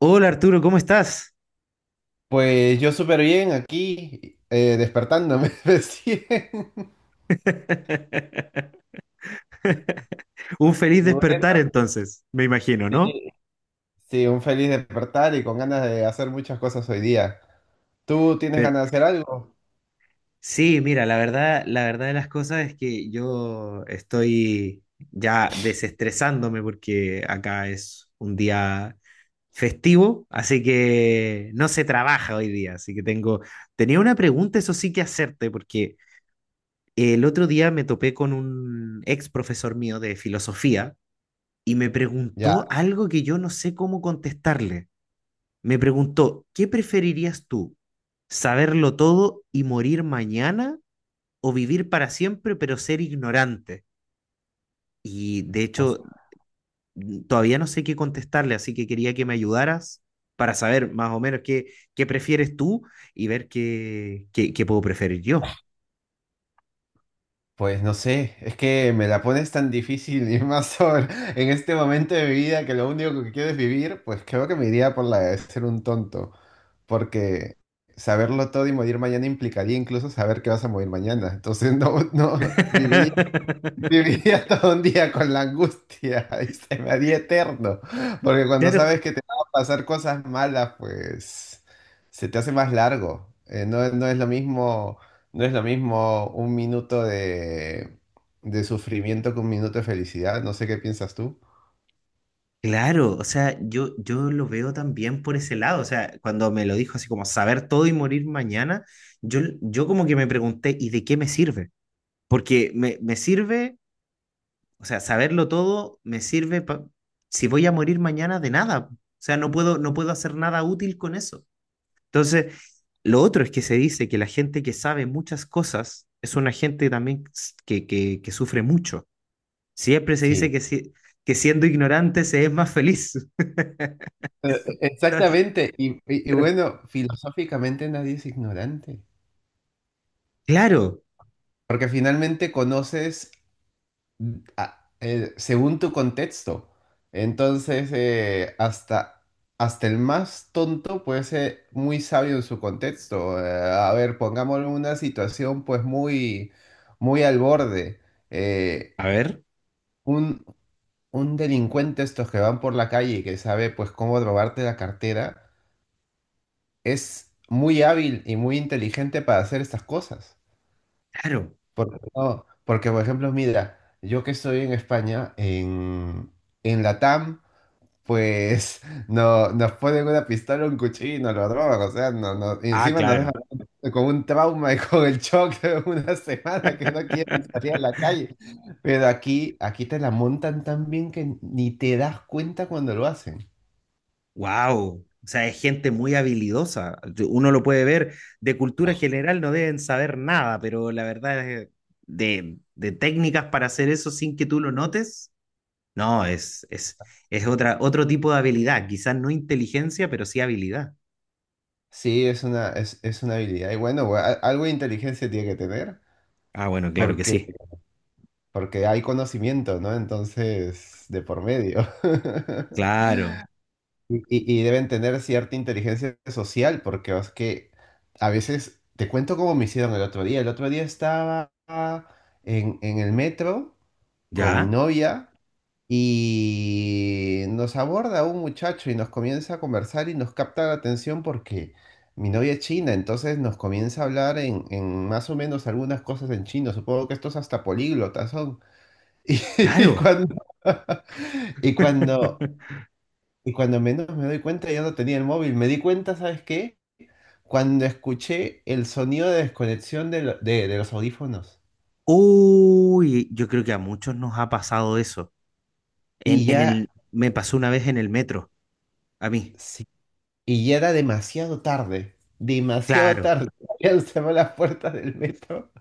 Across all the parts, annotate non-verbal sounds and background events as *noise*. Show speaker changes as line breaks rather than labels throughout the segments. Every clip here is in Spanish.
Hola Arturo, ¿cómo estás?
Pues yo súper bien aquí, despertándome *laughs* recién.
*laughs* Un feliz
Bueno,
despertar entonces, me imagino,
sí.
¿no?
Sí, un feliz despertar y con ganas de hacer muchas cosas hoy día. ¿Tú tienes
Pero,
ganas de hacer algo?
sí, mira, la verdad de las cosas es que yo estoy ya desestresándome porque acá es un día festivo, así que no se trabaja hoy día, así que tenía una pregunta, eso sí que hacerte, porque el otro día me topé con un ex profesor mío de filosofía y me
Ya,
preguntó algo que yo no sé cómo contestarle. Me preguntó, ¿qué preferirías tú? ¿Saberlo todo y morir mañana o vivir para siempre pero ser ignorante? Y de
o sea,
hecho, todavía no sé qué contestarle, así que quería que me ayudaras para saber más o menos qué prefieres tú y ver qué puedo preferir yo.
pues no sé, es que me la pones tan difícil *laughs* y más ahora, en este momento de mi vida que lo único que quiero es vivir, pues creo que me iría por la de ser un tonto, porque saberlo todo y morir mañana implicaría incluso saber que vas a morir mañana. Entonces *laughs* no, no, viviría.
*laughs*
Viviría *laughs* todo un día con la angustia *laughs* y se me haría eterno, porque cuando
Claro.
sabes que te van a pasar cosas malas, pues se te hace más largo. No, no es lo mismo, no es lo mismo un minuto de sufrimiento que un minuto de felicidad. No sé qué piensas tú.
Claro, o sea, yo lo veo también por ese lado, o sea, cuando me lo dijo así como saber todo y morir mañana, yo como que me pregunté, ¿y de qué me sirve? Porque me sirve, o sea, saberlo todo me sirve si voy a morir mañana de nada, o sea, no puedo hacer nada útil con eso. Entonces, lo otro es que se dice que la gente que sabe muchas cosas es una gente también que sufre mucho. Siempre se dice
Sí.
que, que siendo ignorante se es más feliz. *laughs*
Exactamente. Y bueno, filosóficamente nadie es ignorante,
Claro,
porque finalmente conoces según tu contexto. Entonces, hasta el más tonto puede ser muy sabio en su contexto. A ver, pongámoslo en una situación pues muy, muy al borde. Eh,
a ver,
un, un delincuente estos que van por la calle y que sabe pues cómo robarte la cartera, es muy hábil y muy inteligente para hacer estas cosas.
claro.
Porque, no, porque por ejemplo, mira, yo que estoy en España, en Latam pues *laughs* no, nos ponen una pistola, un cuchillo y nos lo drogan, o sea, no, no, y
Ah,
encima nos dejan
claro.
*laughs* con un trauma y con el shock de una *laughs* semana que no
*laughs*
quieren salir a la calle. Pero aquí, aquí te la montan tan bien que ni te das cuenta cuando lo hacen.
Wow. O sea, es gente muy habilidosa. Uno lo puede ver. De cultura general no deben saber nada, pero la verdad es de técnicas para hacer eso sin que tú lo notes. No, es otro tipo de habilidad. Quizás no inteligencia, pero sí habilidad.
Sí, es una habilidad. Y bueno, algo de inteligencia tiene que tener,
Ah, bueno, claro que
porque,
sí.
porque hay conocimiento, ¿no? Entonces, de por medio. *laughs*
Claro.
Y deben tener cierta inteligencia social, porque es que a veces te cuento cómo me hicieron el otro día. El otro día estaba en el metro con mi
¿Ya?
novia y nos aborda un muchacho y nos comienza a conversar y nos capta la atención porque mi novia es china, entonces nos comienza a hablar en más o menos algunas cosas en chino. Supongo que estos hasta políglotas son. *laughs* Y
Claro.
cuando, *laughs* y cuando
*laughs*
y cuando menos me doy cuenta, ya no tenía el móvil. Me di cuenta, ¿sabes qué? Cuando escuché el sonido de desconexión de los audífonos.
Uy, yo creo que a muchos nos ha pasado eso.
Y ya,
Me pasó una vez en el metro, a mí.
sí, y ya era demasiado tarde. Demasiado
Claro,
tarde. *laughs* Habían cerrado las puertas del metro.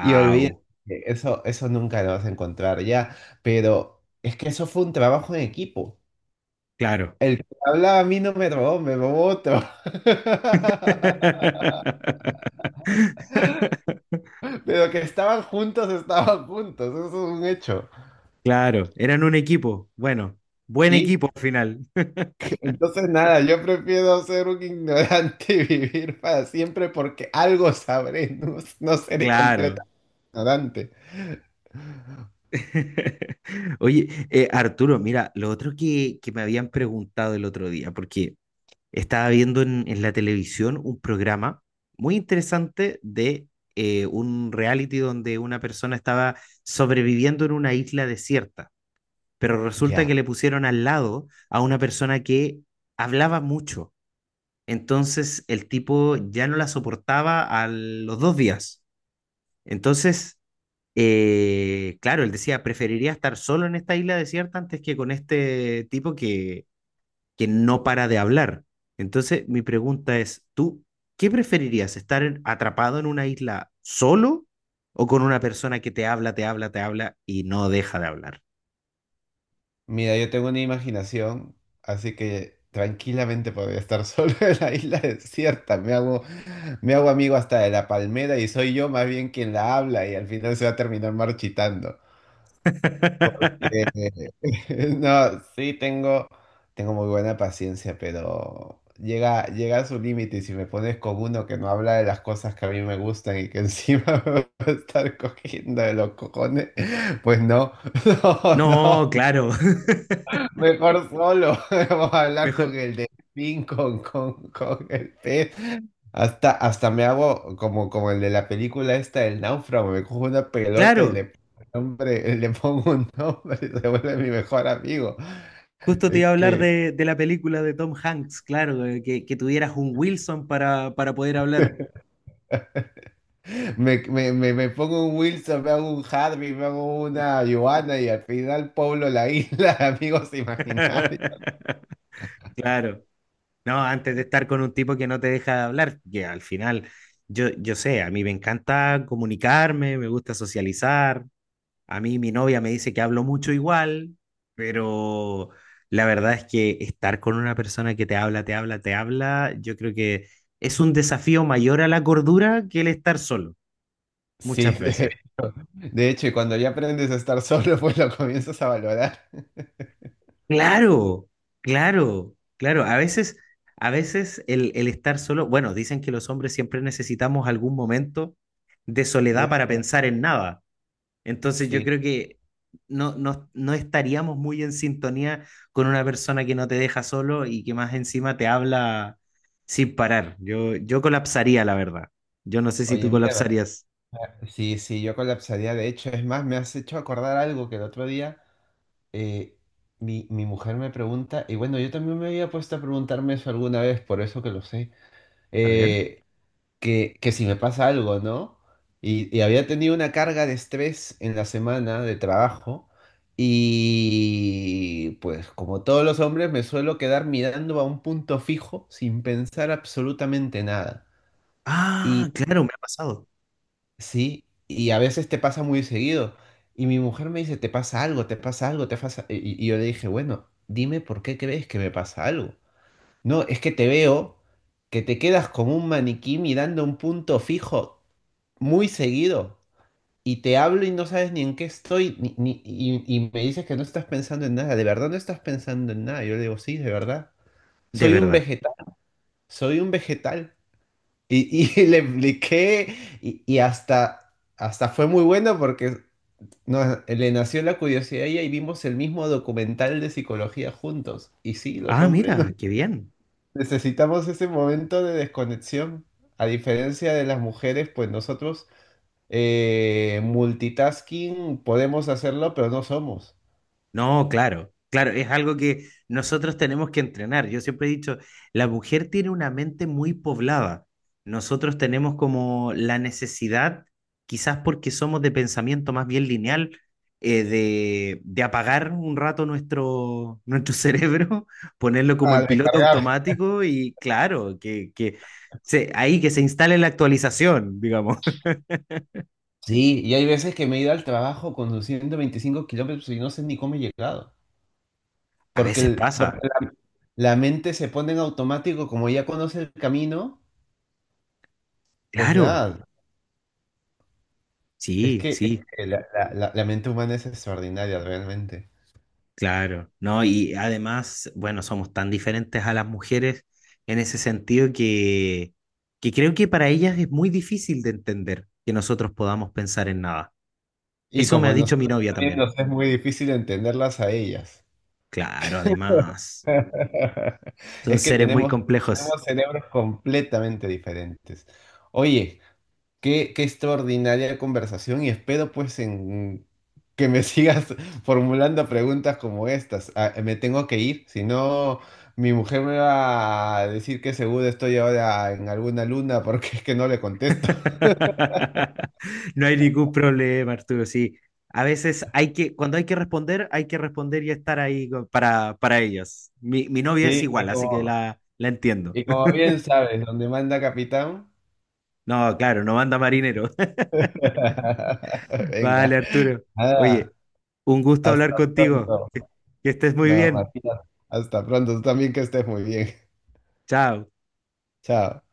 Y olvidé que eso nunca lo vas a encontrar ya. Pero es que eso fue un trabajo en equipo.
claro.
El que hablaba a mí no me robó, me robó otro. *laughs*
*laughs*
Pero que estaban juntos, estaban juntos. Eso es un hecho.
Claro, eran un equipo. Bueno, buen
Sí,
equipo al final. *laughs*
entonces, nada, yo prefiero ser un ignorante y vivir para siempre porque algo sabré, no, no seré
Claro.
completamente ignorante.
*laughs* Oye, Arturo, mira, lo otro que me habían preguntado el otro día, porque estaba viendo en la televisión un programa muy interesante de un reality donde una persona estaba sobreviviendo en una isla desierta. Pero resulta
Ya,
que le pusieron al lado a una persona que hablaba mucho. Entonces el tipo ya no la soportaba a los dos días. Entonces, claro, él decía, preferiría estar solo en esta isla desierta antes que con este tipo que no para de hablar. Entonces, mi pregunta es, ¿tú qué preferirías? ¿Estar atrapado en una isla solo o con una persona que te habla, te habla, te habla y no deja de hablar?
mira, yo tengo una imaginación, así que tranquilamente podría estar solo *laughs* en la isla desierta. Me hago amigo hasta de la palmera y soy yo más bien quien la habla y al final se va a terminar marchitando.
*laughs*
que- *laughs* No, tengo muy buena paciencia, pero llega, llega a su límite y si me pones con uno que no habla de las cosas que a mí me gustan y que encima *laughs* me va a estar cogiendo de los cojones, pues no, *laughs* no,
No,
no.
claro. *laughs*
Mejor solo. *laughs* Vamos a hablar con
Mejor,
el delfín, con el pez. Hasta, hasta me hago como, como el de la película esta, El Náufrago. Me cojo una pelota y le
claro,
pongo un nombre, *laughs* le pongo un nombre *laughs* y se vuelve mi mejor amigo.
justo te
Es
iba a hablar
que
de la película de Tom Hanks, claro, que tuvieras un Wilson para poder hablar.
me pongo un Wilson, me hago un Harvey, me hago una Joana y al final pueblo la isla, *laughs* amigos imaginarios.
*laughs* Claro, no, antes de estar con un tipo que no te deja de hablar, que al final, yo sé, a mí me encanta comunicarme, me gusta socializar, a mí mi novia me dice que hablo mucho igual, pero la verdad es que estar con una persona que te habla, te habla, te habla, yo creo que es un desafío mayor a la cordura que el estar solo.
Sí,
Muchas veces.
de hecho, y cuando ya aprendes a estar solo, *laughs* pues lo comienzas a valorar.
Claro, claro, claro. A veces el estar solo, bueno, dicen que los hombres siempre necesitamos algún momento de
*laughs*
soledad
De-
para pensar en nada. Entonces yo
Sí,
creo que no estaríamos muy en sintonía con una persona que no te deja solo y que más encima te habla sin parar. Yo colapsaría, la verdad. Yo no sé si
oye,
tú
mira,
colapsarías.
sí, sí, yo colapsaría. De hecho, es más, me has hecho acordar algo que el otro día eh, mi mujer me pregunta, y bueno, yo también me había puesto a preguntarme eso alguna vez, por eso que lo sé,
A ver.
eh, que si me pasa algo, ¿no? Había tenido una carga de estrés en la semana de trabajo, y pues como todos los hombres, me suelo quedar mirando a un punto fijo sin pensar absolutamente nada.
Ah, claro, me ha pasado.
Sí, y a veces te pasa muy seguido. Y mi mujer me dice, te pasa algo, te pasa algo, te pasa... yo le dije, bueno, dime por qué crees que me pasa algo. No, es que te veo que te quedas como un maniquí mirando un punto fijo muy seguido. Y te hablo y no sabes ni en qué estoy, y me dices que no estás pensando en nada. ¿De verdad no estás pensando en nada? Yo le digo, sí, de verdad.
De
Soy un
verdad.
vegetal, soy un vegetal. *laughs* Le expliqué y hasta... Hasta fue muy bueno porque no, le nació la curiosidad y ahí vimos el mismo documental de psicología juntos. Y sí, los
Ah,
hombres
mira, qué bien.
*laughs* necesitamos ese momento de desconexión. A diferencia de las mujeres, pues nosotros multitasking podemos hacerlo, pero no somos.
No, claro, claro, es algo que nosotros tenemos que entrenar. Yo siempre he dicho, la mujer tiene una mente muy poblada. Nosotros tenemos como la necesidad, quizás porque somos de pensamiento más bien lineal, de apagar un rato nuestro *laughs* cerebro, ponerlo como en
Al
piloto
recargar.
automático y claro, que se, ahí que se instale la actualización, digamos.
Sí, y hay veces que me he ido al trabajo conduciendo 25 kilómetros y no sé ni cómo he llegado.
*laughs* A
Porque,
veces
porque
pasa,
la mente se pone en automático, como ya conoce el camino, pues
claro,
nada, es
sí,
que,
sí.
la mente humana es extraordinaria realmente.
Claro, ¿no? Y además, bueno, somos tan diferentes a las mujeres en ese sentido que creo que para ellas es muy difícil de entender que nosotros podamos pensar en nada.
Y
Eso me
como a
ha dicho mi
nosotros
novia
también
también.
nos es muy difícil entenderlas a ellas.
Claro, además,
*laughs*
son
Es que
seres muy
tenemos,
complejos.
tenemos cerebros completamente diferentes. Oye, qué, qué extraordinaria conversación y espero pues en que me *laughs* sigas formulando preguntas como estas. Ah, me tengo que ir, si no mi mujer me va a decir que seguro estoy ahora en alguna luna porque es que no le contesto. *laughs*
*laughs* No hay ningún problema, Arturo, sí. A veces hay que, cuando hay que responder y estar ahí para ellos. Mi novia es
Sí, y
igual, así que
como...
la entiendo.
Y
*laughs*
como bien sabes, donde manda capitán.
No, claro, no manda marinero.
*laughs* Venga,
Vale, Arturo.
nada,
Oye, un gusto
hasta
hablar contigo.
pronto.
Que estés muy
No,
bien.
Martina, hasta pronto. Tú también que estés muy bien. *laughs*
Chao.
Chao.